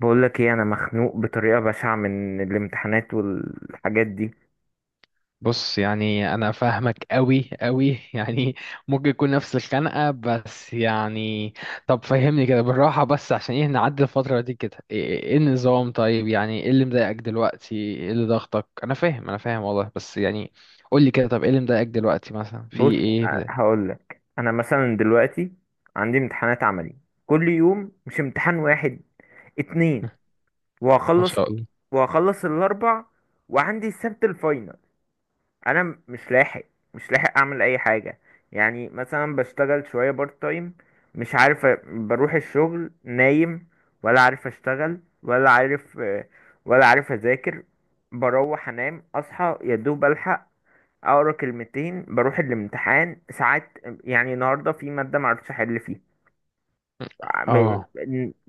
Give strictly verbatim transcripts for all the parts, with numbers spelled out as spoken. بقول لك ايه، انا مخنوق بطريقه بشعه من الامتحانات والحاجات دي. بص، يعني انا فاهمك قوي قوي يعني ممكن يكون نفس الخنقه، بس يعني. طب فهمني كده بالراحه، بس عشان ايه نعدي الفتره دي كده؟ ايه إيه النظام؟ طيب، يعني ايه اللي مضايقك دلوقتي؟ ايه اللي ضغطك؟ انا فاهم انا فاهم والله، بس يعني. قول لي كده، طب ايه اللي مضايقك دلوقتي، مثلا في بص، ايه مضايق؟ هقول لك انا مثلا دلوقتي عندي امتحانات عملي، كل يوم مش امتحان واحد، اتنين. ما وهخلص، شاء الله. وهخلص الاربع، وعندي السبت الفاينل. انا م- مش لاحق، مش لاحق اعمل اي حاجه. يعني مثلا بشتغل شويه بارت تايم، مش عارف. أ- بروح الشغل نايم، ولا عارف اشتغل، ولا عارف، آه، ولا عارف اذاكر. بروح انام، اصحى يا دوب الحق اقرا كلمتين، بروح الامتحان. ساعات يعني النهارده في ماده معرفتش احل فيها. م- اه.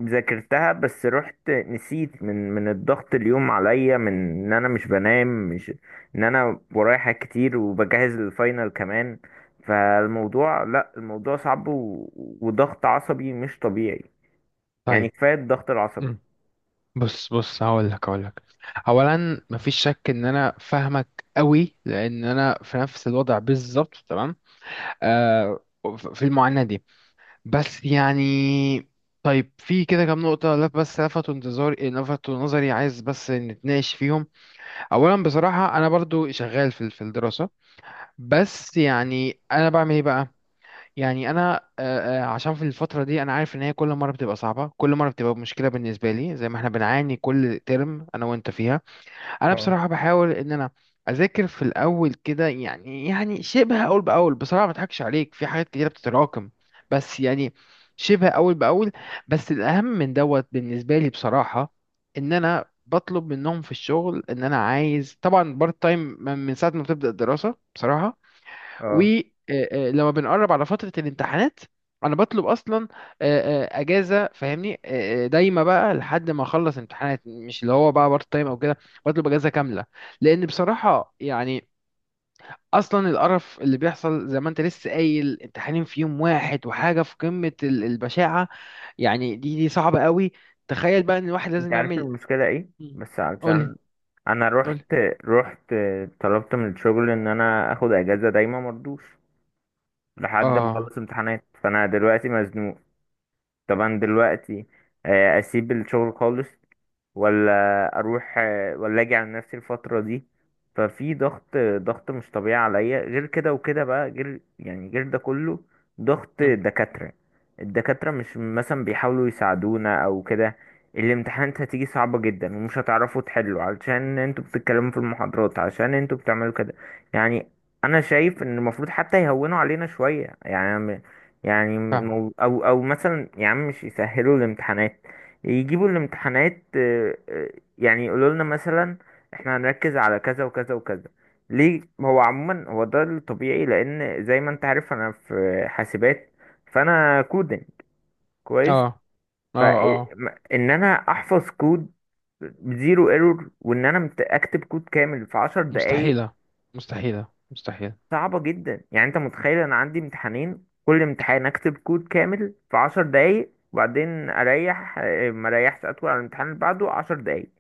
ذاكرتها بس رحت نسيت من من الضغط اليوم عليا، من ان انا مش بنام، مش ان انا ورايا حاجات كتير وبجهز للفاينل كمان. فالموضوع، لا الموضوع صعب و... وضغط عصبي مش طبيعي. يعني طيب. كفاية الضغط العصبي. مم. بص بص، هقول لك هقول لك. اولا مفيش شك ان انا فاهمك قوي، لان انا في نفس الوضع بالظبط، تمام. آه، في المعاناة دي، بس يعني. طيب في كده كام نقطة لف بس لفتوا انتظاري، لفتوا نظري، عايز بس نتناقش فيهم. أولا بصراحة أنا برضو شغال في في الدراسة، بس يعني أنا بعمل إيه بقى؟ يعني أنا آه، آه، عشان في الفترة دي أنا عارف إن هي كل مرة بتبقى صعبة، كل مرة بتبقى مشكلة بالنسبة لي، زي ما إحنا بنعاني كل ترم أنا وأنت فيها. انا اه، بصراحه بحاول ان انا اذاكر في الاول كده، يعني يعني شبه اول باول. بصراحه ما اضحكش عليك، في حاجات كتيره بتتراكم، بس يعني شبه اول باول. بس الاهم من دوت بالنسبه لي بصراحه، ان انا بطلب منهم في الشغل ان انا عايز طبعا بارت تايم من من ساعه ما بتبدا الدراسه بصراحه. اه، ولما بنقرب على فترة الامتحانات انا بطلب اصلا آه، آه، اجازه، فاهمني، آه، آه، دايما بقى لحد ما اخلص امتحانات، مش اللي هو بقى بارت تايم او كده، بطلب اجازه كامله. لان بصراحه يعني اصلا القرف اللي بيحصل زي ما انت لسه قايل، امتحانين في يوم واحد وحاجه في قمه ال- البشاعه، يعني دي دي صعبه قوي. تخيل بقى ان الواحد انت لازم عارف يعمل. المشكلة ايه مم. بس؟ قولي علشان انا قولي. رحت رحت طلبت من الشغل ان انا اخد اجازة دايما، مرضوش لحد ما اه. اخلص امتحانات. فانا دلوقتي مزنوق. طبعا دلوقتي آه، اسيب الشغل خالص، ولا اروح، ولا اجي على نفسي الفترة دي. ففي ضغط، ضغط مش طبيعي عليا، غير كده وكده بقى، غير يعني غير ده كله، ضغط مم. دكاترة. الدكاترة مش مثلا بيحاولوا يساعدونا او كده. الامتحانات هتيجي صعبة جدا ومش هتعرفوا تحلوا، علشان انتوا بتتكلموا في المحاضرات، عشان انتوا بتعملوا كده. يعني انا شايف ان المفروض حتى يهونوا علينا شوية يعني. يعني فاهم. مو- او او مثلا، يا عم مش يسهلوا الامتحانات، يجيبوا الامتحانات، آه، آه، يعني يقولوا لنا مثلا احنا هنركز على كذا وكذا وكذا. ليه؟ هو عموما هو ده الطبيعي، لان زي ما انت عارف انا في حاسبات، فانا كودنج اه. كويس. اه. اه. فان انا احفظ كود بزيرو ايرور، وان انا مت- اكتب كود كامل في عشر دقايق، مستحيله. مستحيله مستحيله. صعبة جدا. يعني انت متخيل انا عندي امتحانين، كل امتحان اكتب كود كامل في عشر دقايق، وبعدين اريح، آه، ما اريحش، اطول على الامتحان اللي بعده عشر دقايق.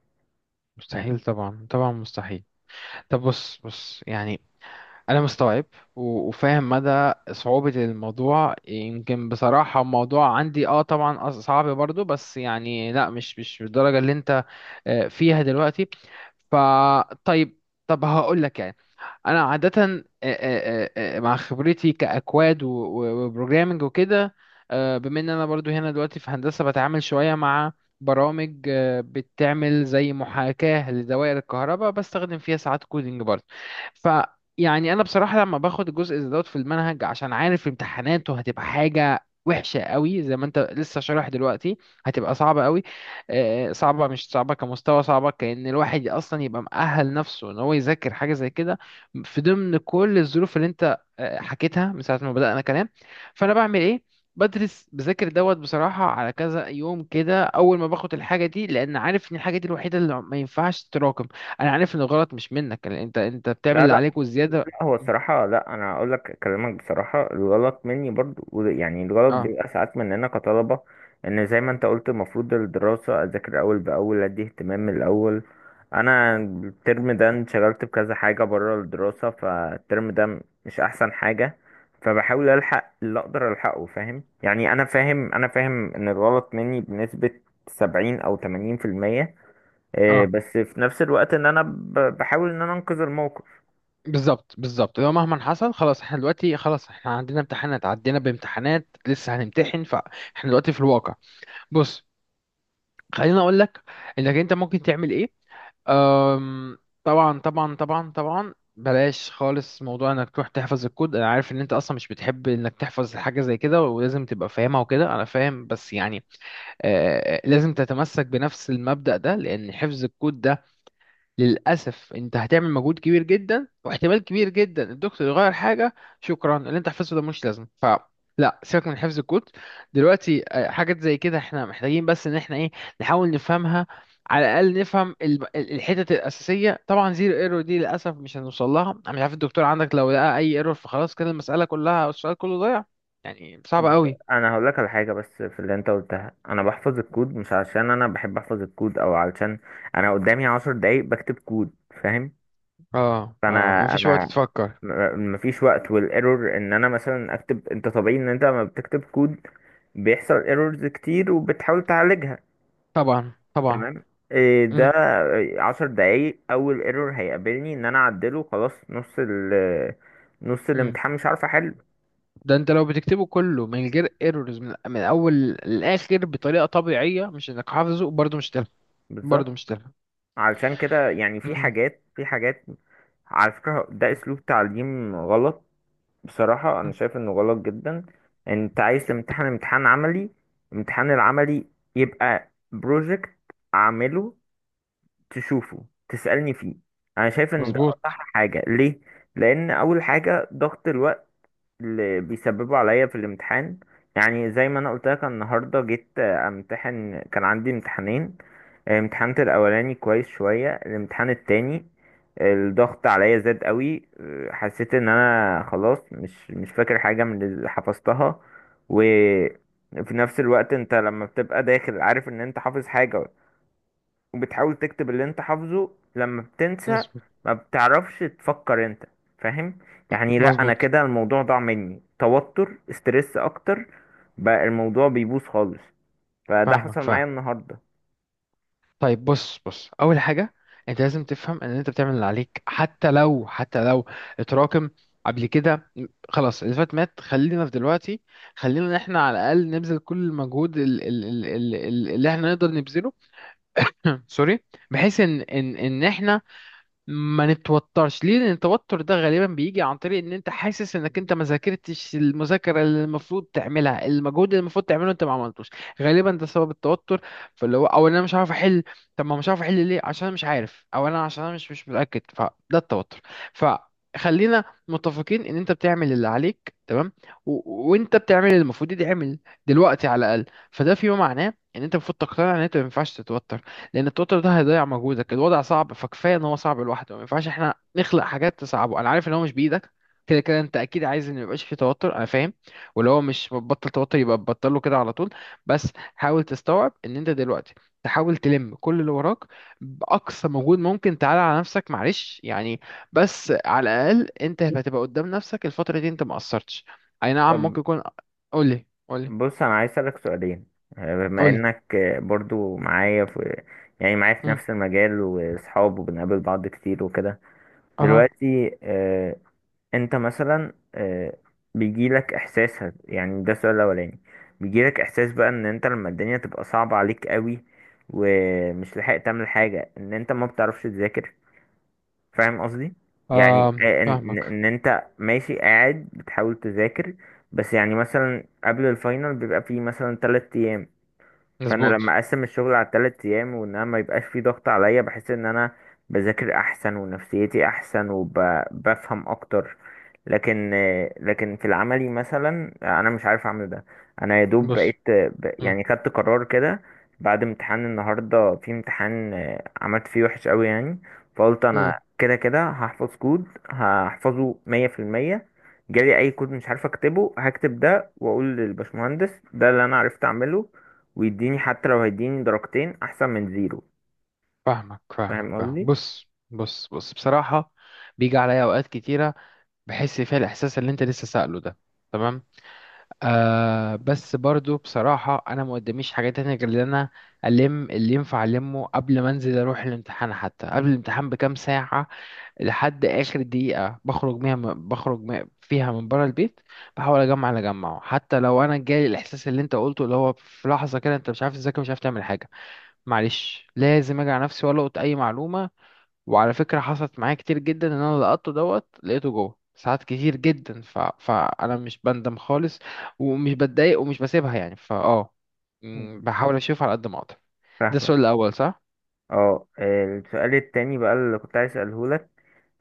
مستحيل، طبعا طبعا مستحيل. طب بص بص، يعني انا مستوعب و- وفاهم مدى صعوبة الموضوع. يمكن بصراحة الموضوع عندي اه طبعا أص- صعب برضو، بس يعني لا، مش مش بالدرجة اللي انت آه، فيها دلوقتي. فطيب، طب هقول لك يعني انا عاده آه، آه، آه، آه، مع خبرتي كاكواد و- و- وبروجرامنج وكده. آه، بما ان انا برضو هنا دلوقتي في هندسه بتعامل شويه مع برامج، آه، بتعمل زي محاكاه لدوائر الكهرباء، بستخدم فيها ساعات كودينج برضو. ف يعني انا بصراحه لما باخد الجزء ده دوت في المنهج، عشان عارف امتحاناته هتبقى حاجه وحشه قوي زي ما انت لسه شارح دلوقتي، هتبقى صعبه قوي. آه، صعبه مش صعبه كمستوى، صعبه كأن الواحد اصلا يبقى مؤهل نفسه ان هو يذاكر حاجه زي كده، في ضمن كل الظروف اللي انت آه، حكيتها من ساعة ما بدأنا كلام. فانا بعمل ايه؟ بدرس بذاكر دوت بصراحة على كذا يوم كده اول ما باخد الحاجة دي، لان عارف ان الحاجة دي الوحيدة اللي ما ينفعش تتراكم. انا عارف ان الغلط مش منك، لأن انت انت بتعمل لا، اللي لا، عليك والزيادة. لا، هو الصراحة، لا، أنا أقول لك، أكلمك بصراحة، الغلط مني برضو. وده- يعني الغلط اه. بيبقى ساعات مننا كطلبة. إن زي ما أنت قلت، المفروض الدراسة أذاكر أول بأول، أدي اهتمام من الأول. أنا الترم ده انشغلت بكذا حاجة برا الدراسة، فالترم ده مش أحسن حاجة. فبحاول ألحق اللي أقدر ألحقه، فاهم يعني؟ أنا فاهم، أنا فاهم إن الغلط مني بنسبة سبعين أو تمانين في المية، آه، اه. بس في نفس الوقت إن أنا ب- بحاول إن أنا أنقذ الموقف. بالظبط بالظبط، لو مهما حصل، خلاص احنا دلوقتي، خلاص احنا عندنا امتحانات، عدينا بامتحانات لسه هنمتحن، فاحنا دلوقتي في الواقع. بص، خليني اقول لك انك انت ممكن تعمل ايه. أم، طبعا طبعا طبعا طبعا، بلاش خالص موضوع انك تروح تحفظ الكود. انا عارف ان انت اصلا مش بتحب انك تحفظ حاجه زي كده، ولازم تبقى فاهمها وكده، انا فاهم. بس يعني آه لازم تتمسك بنفس المبدأ ده، لان حفظ الكود ده للأسف أنت هتعمل مجهود كبير جدا، واحتمال كبير جدا الدكتور يغير حاجة، شكرا، اللي أنت حفظته ده مش لازم. ف لا، سيبك من حفظ الكود دلوقتي. آه، حاجات زي كده احنا محتاجين بس ان احنا ايه، نحاول نفهمها. على الاقل نفهم ال- ال- الحتت الاساسيه. طبعا زيرو ايرور دي للاسف مش هنوصل لها، انا مش عارف الدكتور عندك، لو لقى اي ايرور فخلاص كده المساله كلها أو السؤال كله ضايع، يعني صعب بس قوي. انا هقول لك على حاجه بس في اللي انت قلتها. انا بحفظ الكود مش عشان انا بحب احفظ الكود، او علشان انا قدامي عشر دقايق بكتب كود. فاهم؟ اه. اه، فانا مفيش وقت انا تفكر. م- مفيش وقت. والايرور ان انا مثلا اكتب، انت طبيعي ان انت لما بتكتب كود بيحصل ايرورز كتير، وبتحاول تعالجها. طبعا طبعا. تمام؟ إيه ده، امم عشر دقايق؟ اول ايرور هيقابلني ان انا اعدله، خلاص نص ال، نص امم. الامتحان مش عارف احله. ده انت لو بتكتبه كله من غير ايرورز من, من اول للاخر بطريقه طبيعيه، مش انك حافظه، برضه مش تلحق. برضه بالظبط. مش تلحق. علشان كده يعني في مم. حاجات في حاجات على فكرة، ده أسلوب تعليم غلط. بصراحة أنا مم. شايف إنه غلط جدا. أنت عايز تمتحن امتحان عملي، امتحان العملي يبقى بروجكت، أعمله، تشوفه، تسألني فيه. أنا شايف إن ده أصح مظبوط. حاجة. ليه؟ لأن أول حاجة ضغط الوقت اللي بيسببوا عليا في الامتحان. يعني زي ما انا قلت لك، أنا النهارده جيت آه، امتحن، كان عندي امتحانين. امتحان الاولاني كويس شويه، الامتحان التاني الضغط عليا زاد قوي، آه، حسيت ان انا خلاص مش مش فاكر حاجه من اللي حفظتها. وفي نفس الوقت انت لما بتبقى داخل عارف ان انت حافظ حاجه، وبتحاول تكتب اللي انت حافظه، لما بتنسى مظبوط. ما بتعرفش تفكر انت، فاهم؟ يعني لا، انا مظبوط. كده الموضوع ضاع مني، توتر استرس اكتر، بقى الموضوع بيبوظ خالص. فده حصل فاهمك فاهم. معايا النهارده. طيب بص بص، اول حاجه انت لازم تفهم ان انت بتعمل اللي عليك، حتى لو حتى لو اتراكم قبل كده. خلاص اللي فات مات، خلينا في دلوقتي. خلينا ان احنا على الاقل نبذل كل المجهود ال- ال- ال- ال- اللي احنا نقدر نبذله. سوري. بحيث ان ان ان احنا ما نتوترش. ليه؟ لان التوتر ده غالبا بيجي عن طريق ان انت حاسس انك انت ما ذاكرتش، المذاكره اللي المفروض تعملها، المجهود اللي المفروض تعمله انت ما عملتوش. غالبا ده سبب التوتر. فاللي هو او إن انا مش عارف احل. طب ما مش عارف احل ليه؟ عشان انا مش عارف، او انا عشان انا مش مش متاكد، فده التوتر. فخلينا متفقين ان انت بتعمل اللي عليك تمام، و... وانت بتعمل اللي المفروض يتعمل دلوقتي على الاقل. فده فيما معناه ان انت المفروض تقتنع ان انت ما ينفعش تتوتر، لان التوتر ده هيضيع مجهودك. الوضع صعب، فكفايه ان هو صعب لوحده، ما ينفعش احنا نخلق حاجات تصعبه. انا عارف ان هو مش بايدك، كده كده انت اكيد عايز ان ميبقاش فيه توتر، انا فاهم. ولو هو مش بطل توتر يبقى بطله كده على طول. بس حاول تستوعب ان انت دلوقتي تحاول تلم كل اللي وراك باقصى مجهود ممكن. تعالى على نفسك معلش يعني، بس على الاقل انت هتبقى قدام نفسك الفتره دي انت ما قصرتش. اي نعم طب ممكن يكون. قولي قولي. بص، انا عايز اسالك سؤالين، آه، بما قولي. انك آه، برضو معايا في يعني معايا في مم. نفس المجال، واصحاب، وبنقابل بعض كتير وكده. اها. دلوقتي آه، انت مثلا، آه، بيجيلك احساس هت- يعني ده السؤال الاولاني، بيجيلك احساس بقى ان انت لما الدنيا تبقى صعبة عليك قوي، ومش لحق تعمل حاجة، ان انت ما بتعرفش تذاكر؟ فاهم قصدي؟ يعني آه. آه، ان ان فاهمك. إن انت ماشي قاعد بتحاول تذاكر، بس يعني مثلا قبل الفاينل بيبقى فيه مثلا تلات ايام. فانا مظبوط. لما اقسم الشغل على ثلاث ايام، وان انا ما يبقاش في ضغط عليا، بحس ان انا بذاكر احسن، ونفسيتي احسن، وبفهم اكتر. لكن، لكن في العملي مثلا انا مش عارف اعمل ده. انا يا دوب بص. بقيت ب- مم. يعني خدت قرار كده بعد امتحان النهارده، في امتحان عملت فيه وحش قوي يعني، فقلت مم. انا كده كده هحفظ كود، هحفظه مية في المية، جالي اي كود مش عارف اكتبه هكتب ده، واقول للبشمهندس ده اللي انا عرفت اعمله، ويديني حتى لو هيديني درجتين احسن من زيرو. فاهمك فاهمك فاهم فاهمك. قصدي؟ بص بص بص، بصراحة بيجي عليا أوقات كتيرة بحس فيها الإحساس اللي أنت لسه سأله ده. تمام. آه بس برضو بصراحة أنا ما قداميش حاجة تانية غير إن أنا ألم اللي ينفع ألمه قبل ما أنزل أروح الامتحان، حتى قبل الامتحان بكام ساعة، لحد آخر دقيقة بخرج بيها، بخرج م- فيها من بره البيت. بحاول أجمع اللي أجمعه، حتى لو أنا جالي الإحساس اللي أنت قلته اللي هو في لحظة كده أنت مش عارف تذاكر، مش عارف تعمل حاجة. معلش، لازم اجي على نفسي والقط اي معلومه. وعلى فكره حصلت معايا كتير جدا ان انا لقطته دوت، لقيته جوه ساعات كتير جدا. ف... فانا مش بندم خالص، ومش بتضايق، ومش بسيبها يعني. فاه مم، مم. بحاول اشوف على قد ما اقدر. ده السؤال فاهمك. الاول، صح؟ اه، السؤال التاني بقى اللي كنت عايز اساله لك،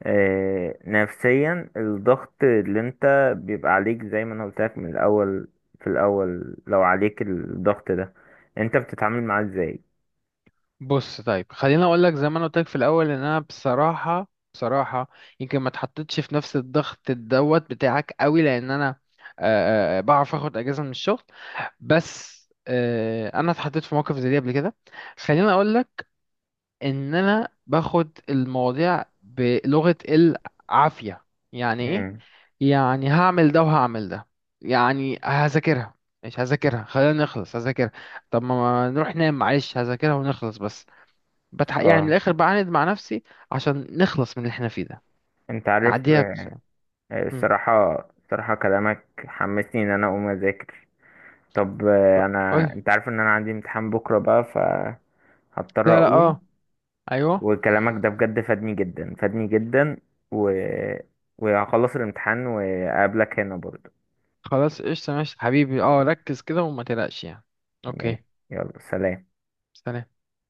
آه، نفسيا الضغط اللي انت بيبقى عليك، زي ما انا قلت لك من الاول، في الاول لو عليك الضغط ده، انت بتتعامل معاه ازاي؟ بص، طيب خليني اقول لك زي ما انا قلت لك في الاول، ان انا بصراحه بصراحه يمكن ما اتحطيتش في نفس الضغط دوت بتاعك قوي، لان انا آه، آه، آه، بعرف اخد اجازه من الشغل. بس آه، انا اتحطيت في موقف زي دي قبل كده. خليني اقول لك ان انا باخد المواضيع بلغة العافية. يعني ايه؟ امم يعني هعمل ده وهعمل ده، يعني هذاكرها مش هذاكرها، خلينا نخلص هذاكرها. طب ما ما نروح ننام، معلش هذاكرها ونخلص بس. بتح... يعني من اه، الاخر بعاند مع نفسي عشان نخلص من اللي احنا فيه ده، انت عارف، نعديها بس، آه، يعني. الصراحة، الصراحة كلامك حمسني ان انا اقوم اذاكر. طب آه، قول. انا انت عارف ان انا عندي امتحان بكرة بقى، فهضطر لا لا. اقوم. اه. ايوه. وكلامك ده بجد فادني جدا، فادني جدا و... وهخلص الامتحان وأقابلك هنا برضو. خلاص قشطة ماشي حبيبي، اه ركز كده وما تقلقش يعني. اوكي. ماشي، يلا سلام. سلام.